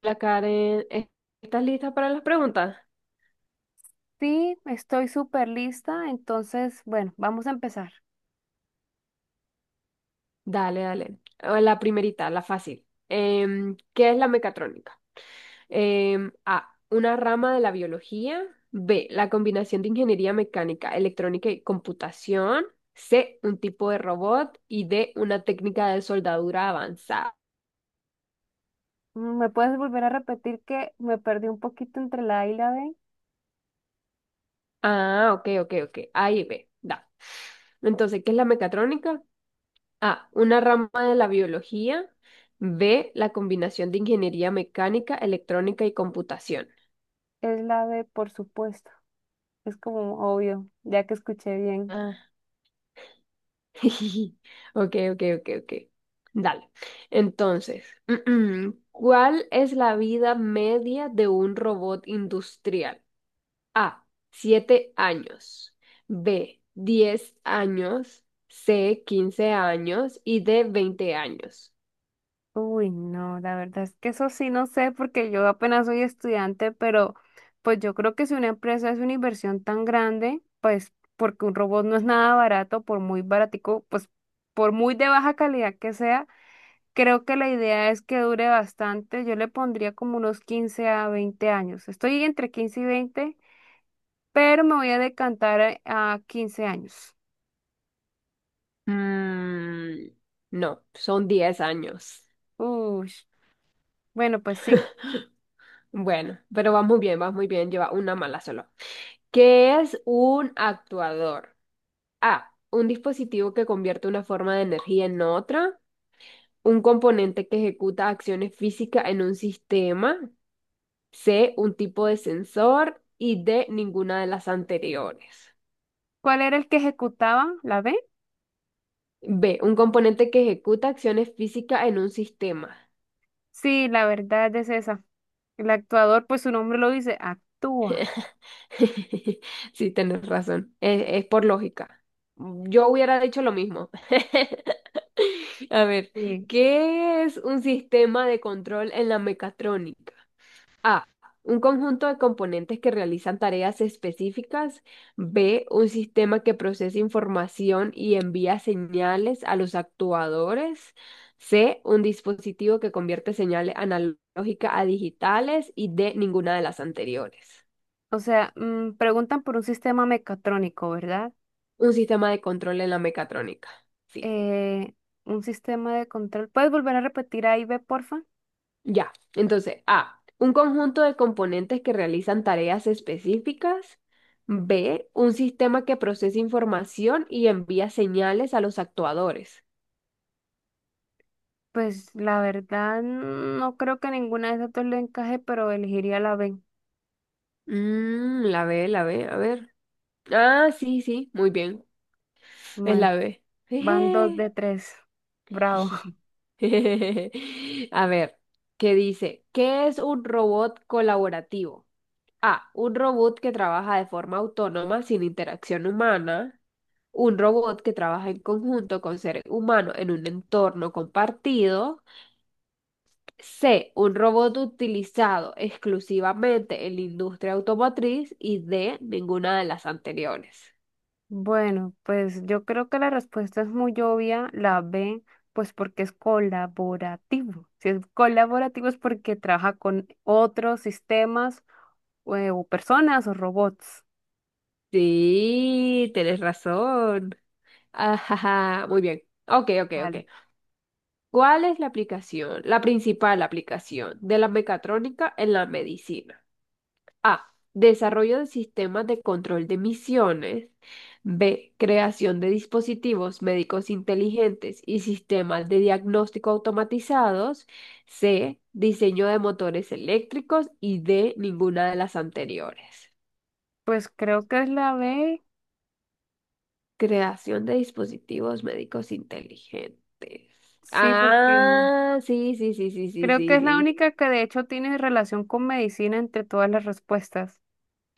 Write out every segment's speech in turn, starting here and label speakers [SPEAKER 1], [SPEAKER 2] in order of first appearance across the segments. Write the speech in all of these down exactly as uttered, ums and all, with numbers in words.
[SPEAKER 1] La Karen, ¿es- estás lista para las preguntas?
[SPEAKER 2] Sí, estoy súper lista, entonces, bueno, vamos a empezar.
[SPEAKER 1] Dale, dale. Eh, La primerita, la fácil. Em, ¿qué es la mecatrónica? Em, A, una rama de la biología. B, la combinación de ingeniería mecánica, electrónica y computación. C, un tipo de robot. Y D, una técnica de soldadura avanzada.
[SPEAKER 2] Mm, ¿Me puedes volver a repetir que me perdí un poquito entre la A y la B?
[SPEAKER 1] Ah, ok, ok, ok. A y B, da. Entonces, ¿qué es la mecatrónica? A, una rama de la biología. B, la combinación de ingeniería mecánica, electrónica y computación.
[SPEAKER 2] Es la B, por supuesto. Es como obvio, ya que escuché bien.
[SPEAKER 1] Ah, Ok, ok, ok, ok. Dale. Entonces, ¿cuál es la vida media de un robot industrial? A, siete años. B, diez años. C, quince años. Y D, veinte años.
[SPEAKER 2] Uy, no, la verdad es que eso sí no sé porque yo apenas soy estudiante, pero pues yo creo que si una empresa es una inversión tan grande, pues porque un robot no es nada barato, por muy baratico, pues por muy de baja calidad que sea. Creo que la idea es que dure bastante. Yo le pondría como unos quince a veinte años. Estoy entre quince y veinte, pero me voy a decantar a a quince años.
[SPEAKER 1] Mm, no, son diez años.
[SPEAKER 2] Uy, bueno, pues sí.
[SPEAKER 1] Bueno, pero vas muy bien, vas muy bien, lleva una mala solo. ¿Qué es un actuador? A, un dispositivo que convierte una forma de energía en otra. Un componente que ejecuta acciones físicas en un sistema. C, un tipo de sensor. Y D, ninguna de las anteriores.
[SPEAKER 2] ¿Cuál era el que ejecutaba? ¿La B?
[SPEAKER 1] B, un componente que ejecuta acciones físicas en un sistema.
[SPEAKER 2] Sí, la verdad es esa. El actuador, pues su nombre lo dice, actúa.
[SPEAKER 1] Sí, tienes razón. Es, es por lógica. Yo hubiera dicho lo mismo. A ver,
[SPEAKER 2] Sí.
[SPEAKER 1] ¿qué es un sistema de control en la mecatrónica? A. Un conjunto de componentes que realizan tareas específicas. B. Un sistema que procesa información y envía señales a los actuadores. C. Un dispositivo que convierte señales analógicas a digitales. Y D. Ninguna de las anteriores.
[SPEAKER 2] O sea, mm, preguntan por un sistema mecatrónico, ¿verdad?
[SPEAKER 1] Un sistema de control en la mecatrónica. Sí.
[SPEAKER 2] Eh, un sistema de control. ¿Puedes volver a repetir ahí, B, porfa?
[SPEAKER 1] Ya. Entonces, A, un conjunto de componentes que realizan tareas específicas. B, un sistema que procesa información y envía señales a los actuadores.
[SPEAKER 2] Pues la verdad, no creo que ninguna de esas dos le encaje, pero elegiría la B.
[SPEAKER 1] Mm, la B, la B, a ver. Ah, sí, sí, muy bien. Es
[SPEAKER 2] Bueno,
[SPEAKER 1] la B.
[SPEAKER 2] van dos
[SPEAKER 1] Jeje.
[SPEAKER 2] de tres. Bravo.
[SPEAKER 1] A ver, ¿qué dice? ¿Qué es un robot colaborativo? A. Un robot que trabaja de forma autónoma sin interacción humana. Un robot que trabaja en conjunto con seres humanos en un entorno compartido. C. Un robot utilizado exclusivamente en la industria automotriz. Y D. Ninguna de las anteriores.
[SPEAKER 2] Bueno, pues yo creo que la respuesta es muy obvia, la B, pues porque es colaborativo. Si es colaborativo es porque trabaja con otros sistemas o, o personas o robots.
[SPEAKER 1] Sí, tienes razón. Ajaja, muy bien. Ok, ok, ok.
[SPEAKER 2] Vale.
[SPEAKER 1] ¿Cuál es la aplicación, la principal aplicación de la mecatrónica en la medicina? A. Desarrollo de sistemas de control de emisiones. B. Creación de dispositivos médicos inteligentes y sistemas de diagnóstico automatizados. C. Diseño de motores eléctricos. Y D. Ninguna de las anteriores.
[SPEAKER 2] Pues creo que es la B,
[SPEAKER 1] Creación de dispositivos médicos inteligentes.
[SPEAKER 2] sí, porque
[SPEAKER 1] Ah, sí, sí, sí, sí, sí,
[SPEAKER 2] creo que
[SPEAKER 1] sí,
[SPEAKER 2] es la
[SPEAKER 1] sí.
[SPEAKER 2] única que de hecho tiene relación con medicina entre todas las respuestas.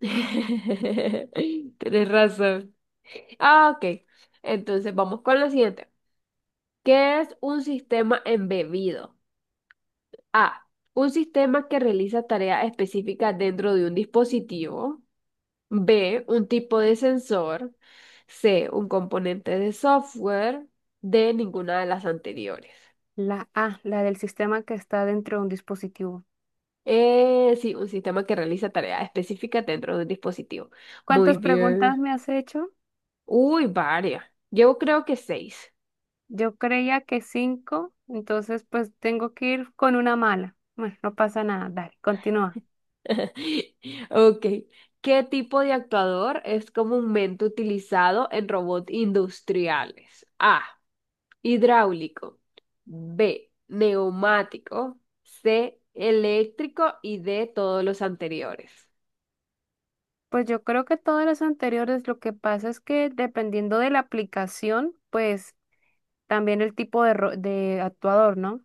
[SPEAKER 1] Tienes razón. Ah, ok. Entonces vamos con la siguiente. ¿Qué es un sistema embebido? A. Un sistema que realiza tareas específicas dentro de un dispositivo. B. Un tipo de sensor. C. Un componente de software. D. Ninguna de las anteriores.
[SPEAKER 2] La A, la del sistema que está dentro de un dispositivo.
[SPEAKER 1] Eh, sí, un sistema que realiza tareas específicas dentro de un dispositivo.
[SPEAKER 2] ¿Cuántas
[SPEAKER 1] Muy
[SPEAKER 2] preguntas
[SPEAKER 1] bien.
[SPEAKER 2] me has hecho?
[SPEAKER 1] Uy, varias. Yo creo que seis.
[SPEAKER 2] Yo creía que cinco, entonces pues tengo que ir con una mala. Bueno, no pasa nada, dale, continúa.
[SPEAKER 1] Ok. ¿Qué tipo de actuador es comúnmente utilizado en robots industriales? A. Hidráulico. B. Neumático. C. Eléctrico. Y D. Todos los anteriores.
[SPEAKER 2] Pues yo creo que todas las anteriores, lo que pasa es que dependiendo de la aplicación, pues también el tipo de, ro- de actuador, ¿no?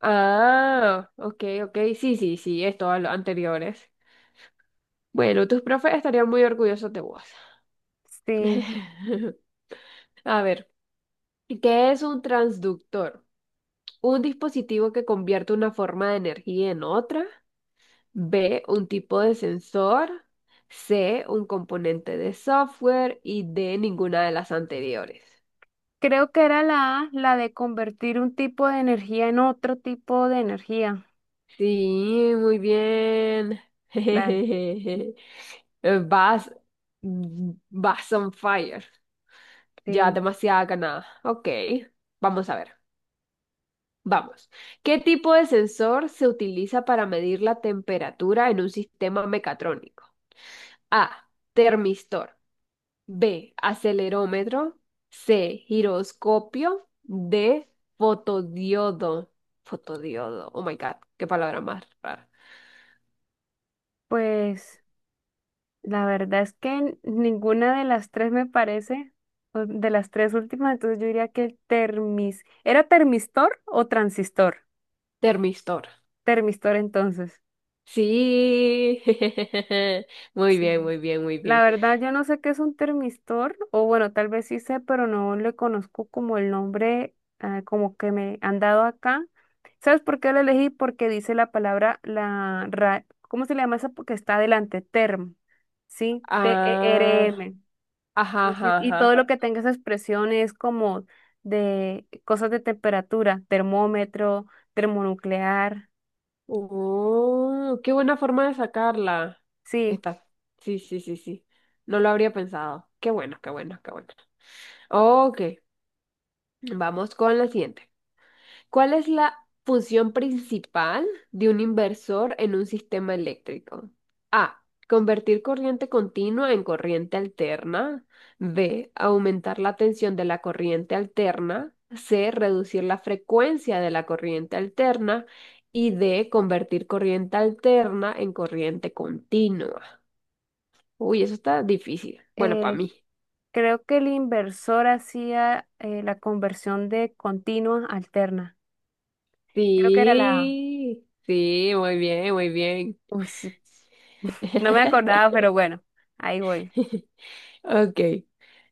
[SPEAKER 1] Ah, ok, ok. Sí, sí, sí, es todos los anteriores. Bueno, tus profes estarían muy orgullosos de vos.
[SPEAKER 2] Sí,
[SPEAKER 1] A ver, ¿qué es un transductor? Un dispositivo que convierte una forma de energía en otra. B, un tipo de sensor. C, un componente de software. Y D, ninguna de las anteriores.
[SPEAKER 2] creo que era la A, la de convertir un tipo de energía en otro tipo de energía.
[SPEAKER 1] Sí, muy bien.
[SPEAKER 2] Dale,
[SPEAKER 1] Vas, vas on fire. Ya
[SPEAKER 2] sí.
[SPEAKER 1] demasiada ganada. Ok, vamos a ver. Vamos. ¿Qué tipo de sensor se utiliza para medir la temperatura en un sistema mecatrónico? A. Termistor. B, acelerómetro. C, giroscopio. D, fotodiodo. Fotodiodo. Oh my God, qué palabra más rara.
[SPEAKER 2] Pues la verdad es que ninguna de las tres me parece, o de las tres últimas, entonces yo diría que el termis, ¿era termistor o transistor?
[SPEAKER 1] Termistor.
[SPEAKER 2] Termistor entonces.
[SPEAKER 1] Sí. Muy
[SPEAKER 2] Sí.
[SPEAKER 1] bien, muy bien, muy
[SPEAKER 2] La
[SPEAKER 1] bien.
[SPEAKER 2] verdad yo no sé qué es un termistor, o bueno, tal vez sí sé, pero no le conozco como el nombre ah, como que me han dado acá. ¿Sabes por qué lo elegí? Porque dice la palabra, la ra- ¿cómo se le llama esa? Porque está adelante, term, ¿sí?
[SPEAKER 1] Ah,
[SPEAKER 2] T-E-R-M.
[SPEAKER 1] ajá,
[SPEAKER 2] Y, si-
[SPEAKER 1] ajá,
[SPEAKER 2] y todo
[SPEAKER 1] ajá.
[SPEAKER 2] lo que tenga esas presiones como de cosas de temperatura, termómetro, termonuclear.
[SPEAKER 1] Oh, qué buena forma de sacarla
[SPEAKER 2] Sí,
[SPEAKER 1] esta. Sí, sí, sí, sí. No lo habría pensado. Qué bueno, qué bueno, qué bueno. Ok, vamos con la siguiente. ¿Cuál es la función principal de un inversor en un sistema eléctrico? A. Convertir corriente continua en corriente alterna. B. Aumentar la tensión de la corriente alterna. C. Reducir la frecuencia de la corriente alterna. Y D. Convertir corriente alterna en corriente continua. Uy, eso está difícil. Bueno, para
[SPEAKER 2] eh,
[SPEAKER 1] mí.
[SPEAKER 2] creo que el inversor hacía eh, la conversión de continua a alterna. Creo que era la...
[SPEAKER 1] Sí, sí, muy bien, muy bien.
[SPEAKER 2] Uy, sí, no me acordaba, pero bueno, ahí voy.
[SPEAKER 1] Ok.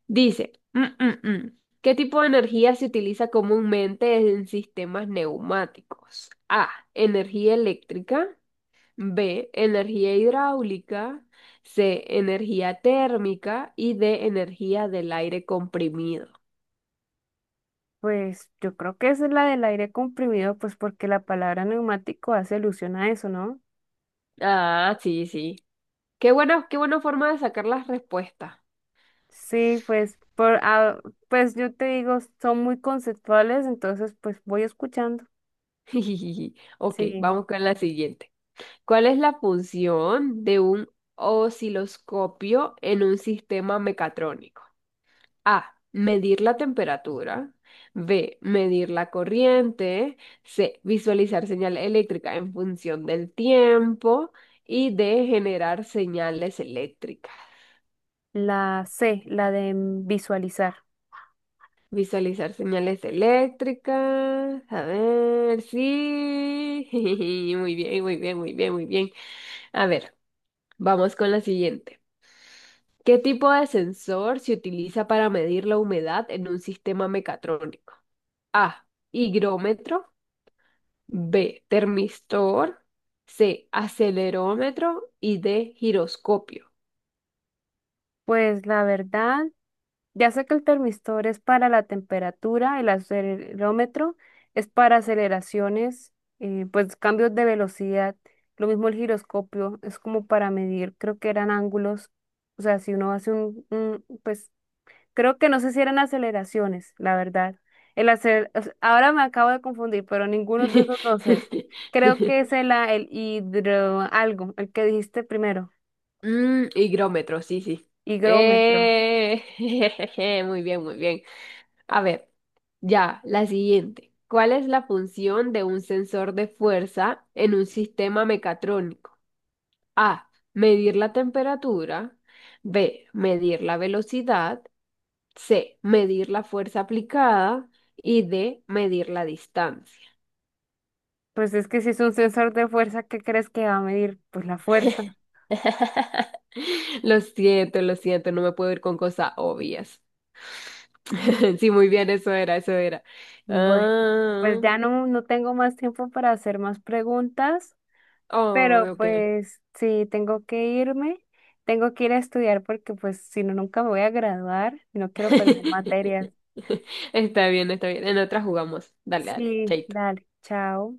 [SPEAKER 1] Dice. mm, mm, mm. ¿Qué tipo de energía se utiliza comúnmente en sistemas neumáticos? A, energía eléctrica. B, energía hidráulica. C, energía térmica. Y D, energía del aire comprimido.
[SPEAKER 2] Pues yo creo que esa es la del aire comprimido, pues porque la palabra neumático hace alusión a eso, ¿no?
[SPEAKER 1] Ah, sí, sí. Qué bueno, qué buena forma de sacar las respuestas.
[SPEAKER 2] Sí, pues, por, ah, pues yo te digo, son muy conceptuales, entonces pues voy escuchando.
[SPEAKER 1] Ok,
[SPEAKER 2] Sí,
[SPEAKER 1] vamos con la siguiente. ¿Cuál es la función de un osciloscopio en un sistema mecatrónico? A. Medir la temperatura. B. Medir la corriente. C. Visualizar señal eléctrica en función del tiempo. Y D. Generar señales eléctricas.
[SPEAKER 2] la C, la de mm, visualizar.
[SPEAKER 1] Visualizar señales eléctricas. A ver, sí. Muy bien, muy bien, muy bien, muy bien. A ver, vamos con la siguiente. ¿Qué tipo de sensor se utiliza para medir la humedad en un sistema mecatrónico? A. Higrómetro. B. Termistor. C. Acelerómetro. Y D. Giroscopio.
[SPEAKER 2] Pues la verdad, ya sé que el termistor es para la temperatura, el acelerómetro es para aceleraciones, eh, pues cambios de velocidad. Lo mismo el giroscopio, es como para medir, creo que eran ángulos. O sea, si uno hace un, un, pues creo que no sé si eran aceleraciones, la verdad. El acel- o sea, ahora me acabo de confundir, pero ninguno de esos dos es. Creo que es el, a- el hidro algo, el que dijiste primero,
[SPEAKER 1] Mm, higrómetro, sí, sí.
[SPEAKER 2] higrómetro.
[SPEAKER 1] Eh, jejeje, muy bien, muy bien. A ver, ya, la siguiente. ¿Cuál es la función de un sensor de fuerza en un sistema mecatrónico? A. Medir la temperatura. B. Medir la velocidad. C. Medir la fuerza aplicada. Y D. Medir la distancia.
[SPEAKER 2] Pues es que si es un sensor de fuerza, ¿qué crees que va a medir? Pues la fuerza.
[SPEAKER 1] Lo siento, lo siento, no me puedo ir con cosas obvias. Sí, muy bien, eso era, eso era.
[SPEAKER 2] Bueno, pues
[SPEAKER 1] Ah,
[SPEAKER 2] ya no, no tengo más tiempo para hacer más preguntas, pero
[SPEAKER 1] oh, ok.
[SPEAKER 2] pues sí, tengo que irme, tengo que ir a estudiar porque pues si no, nunca me voy a graduar y no quiero perder materias.
[SPEAKER 1] Está bien, está bien. En otra jugamos. Dale, dale,
[SPEAKER 2] Sí,
[SPEAKER 1] chaito.
[SPEAKER 2] dale, chao.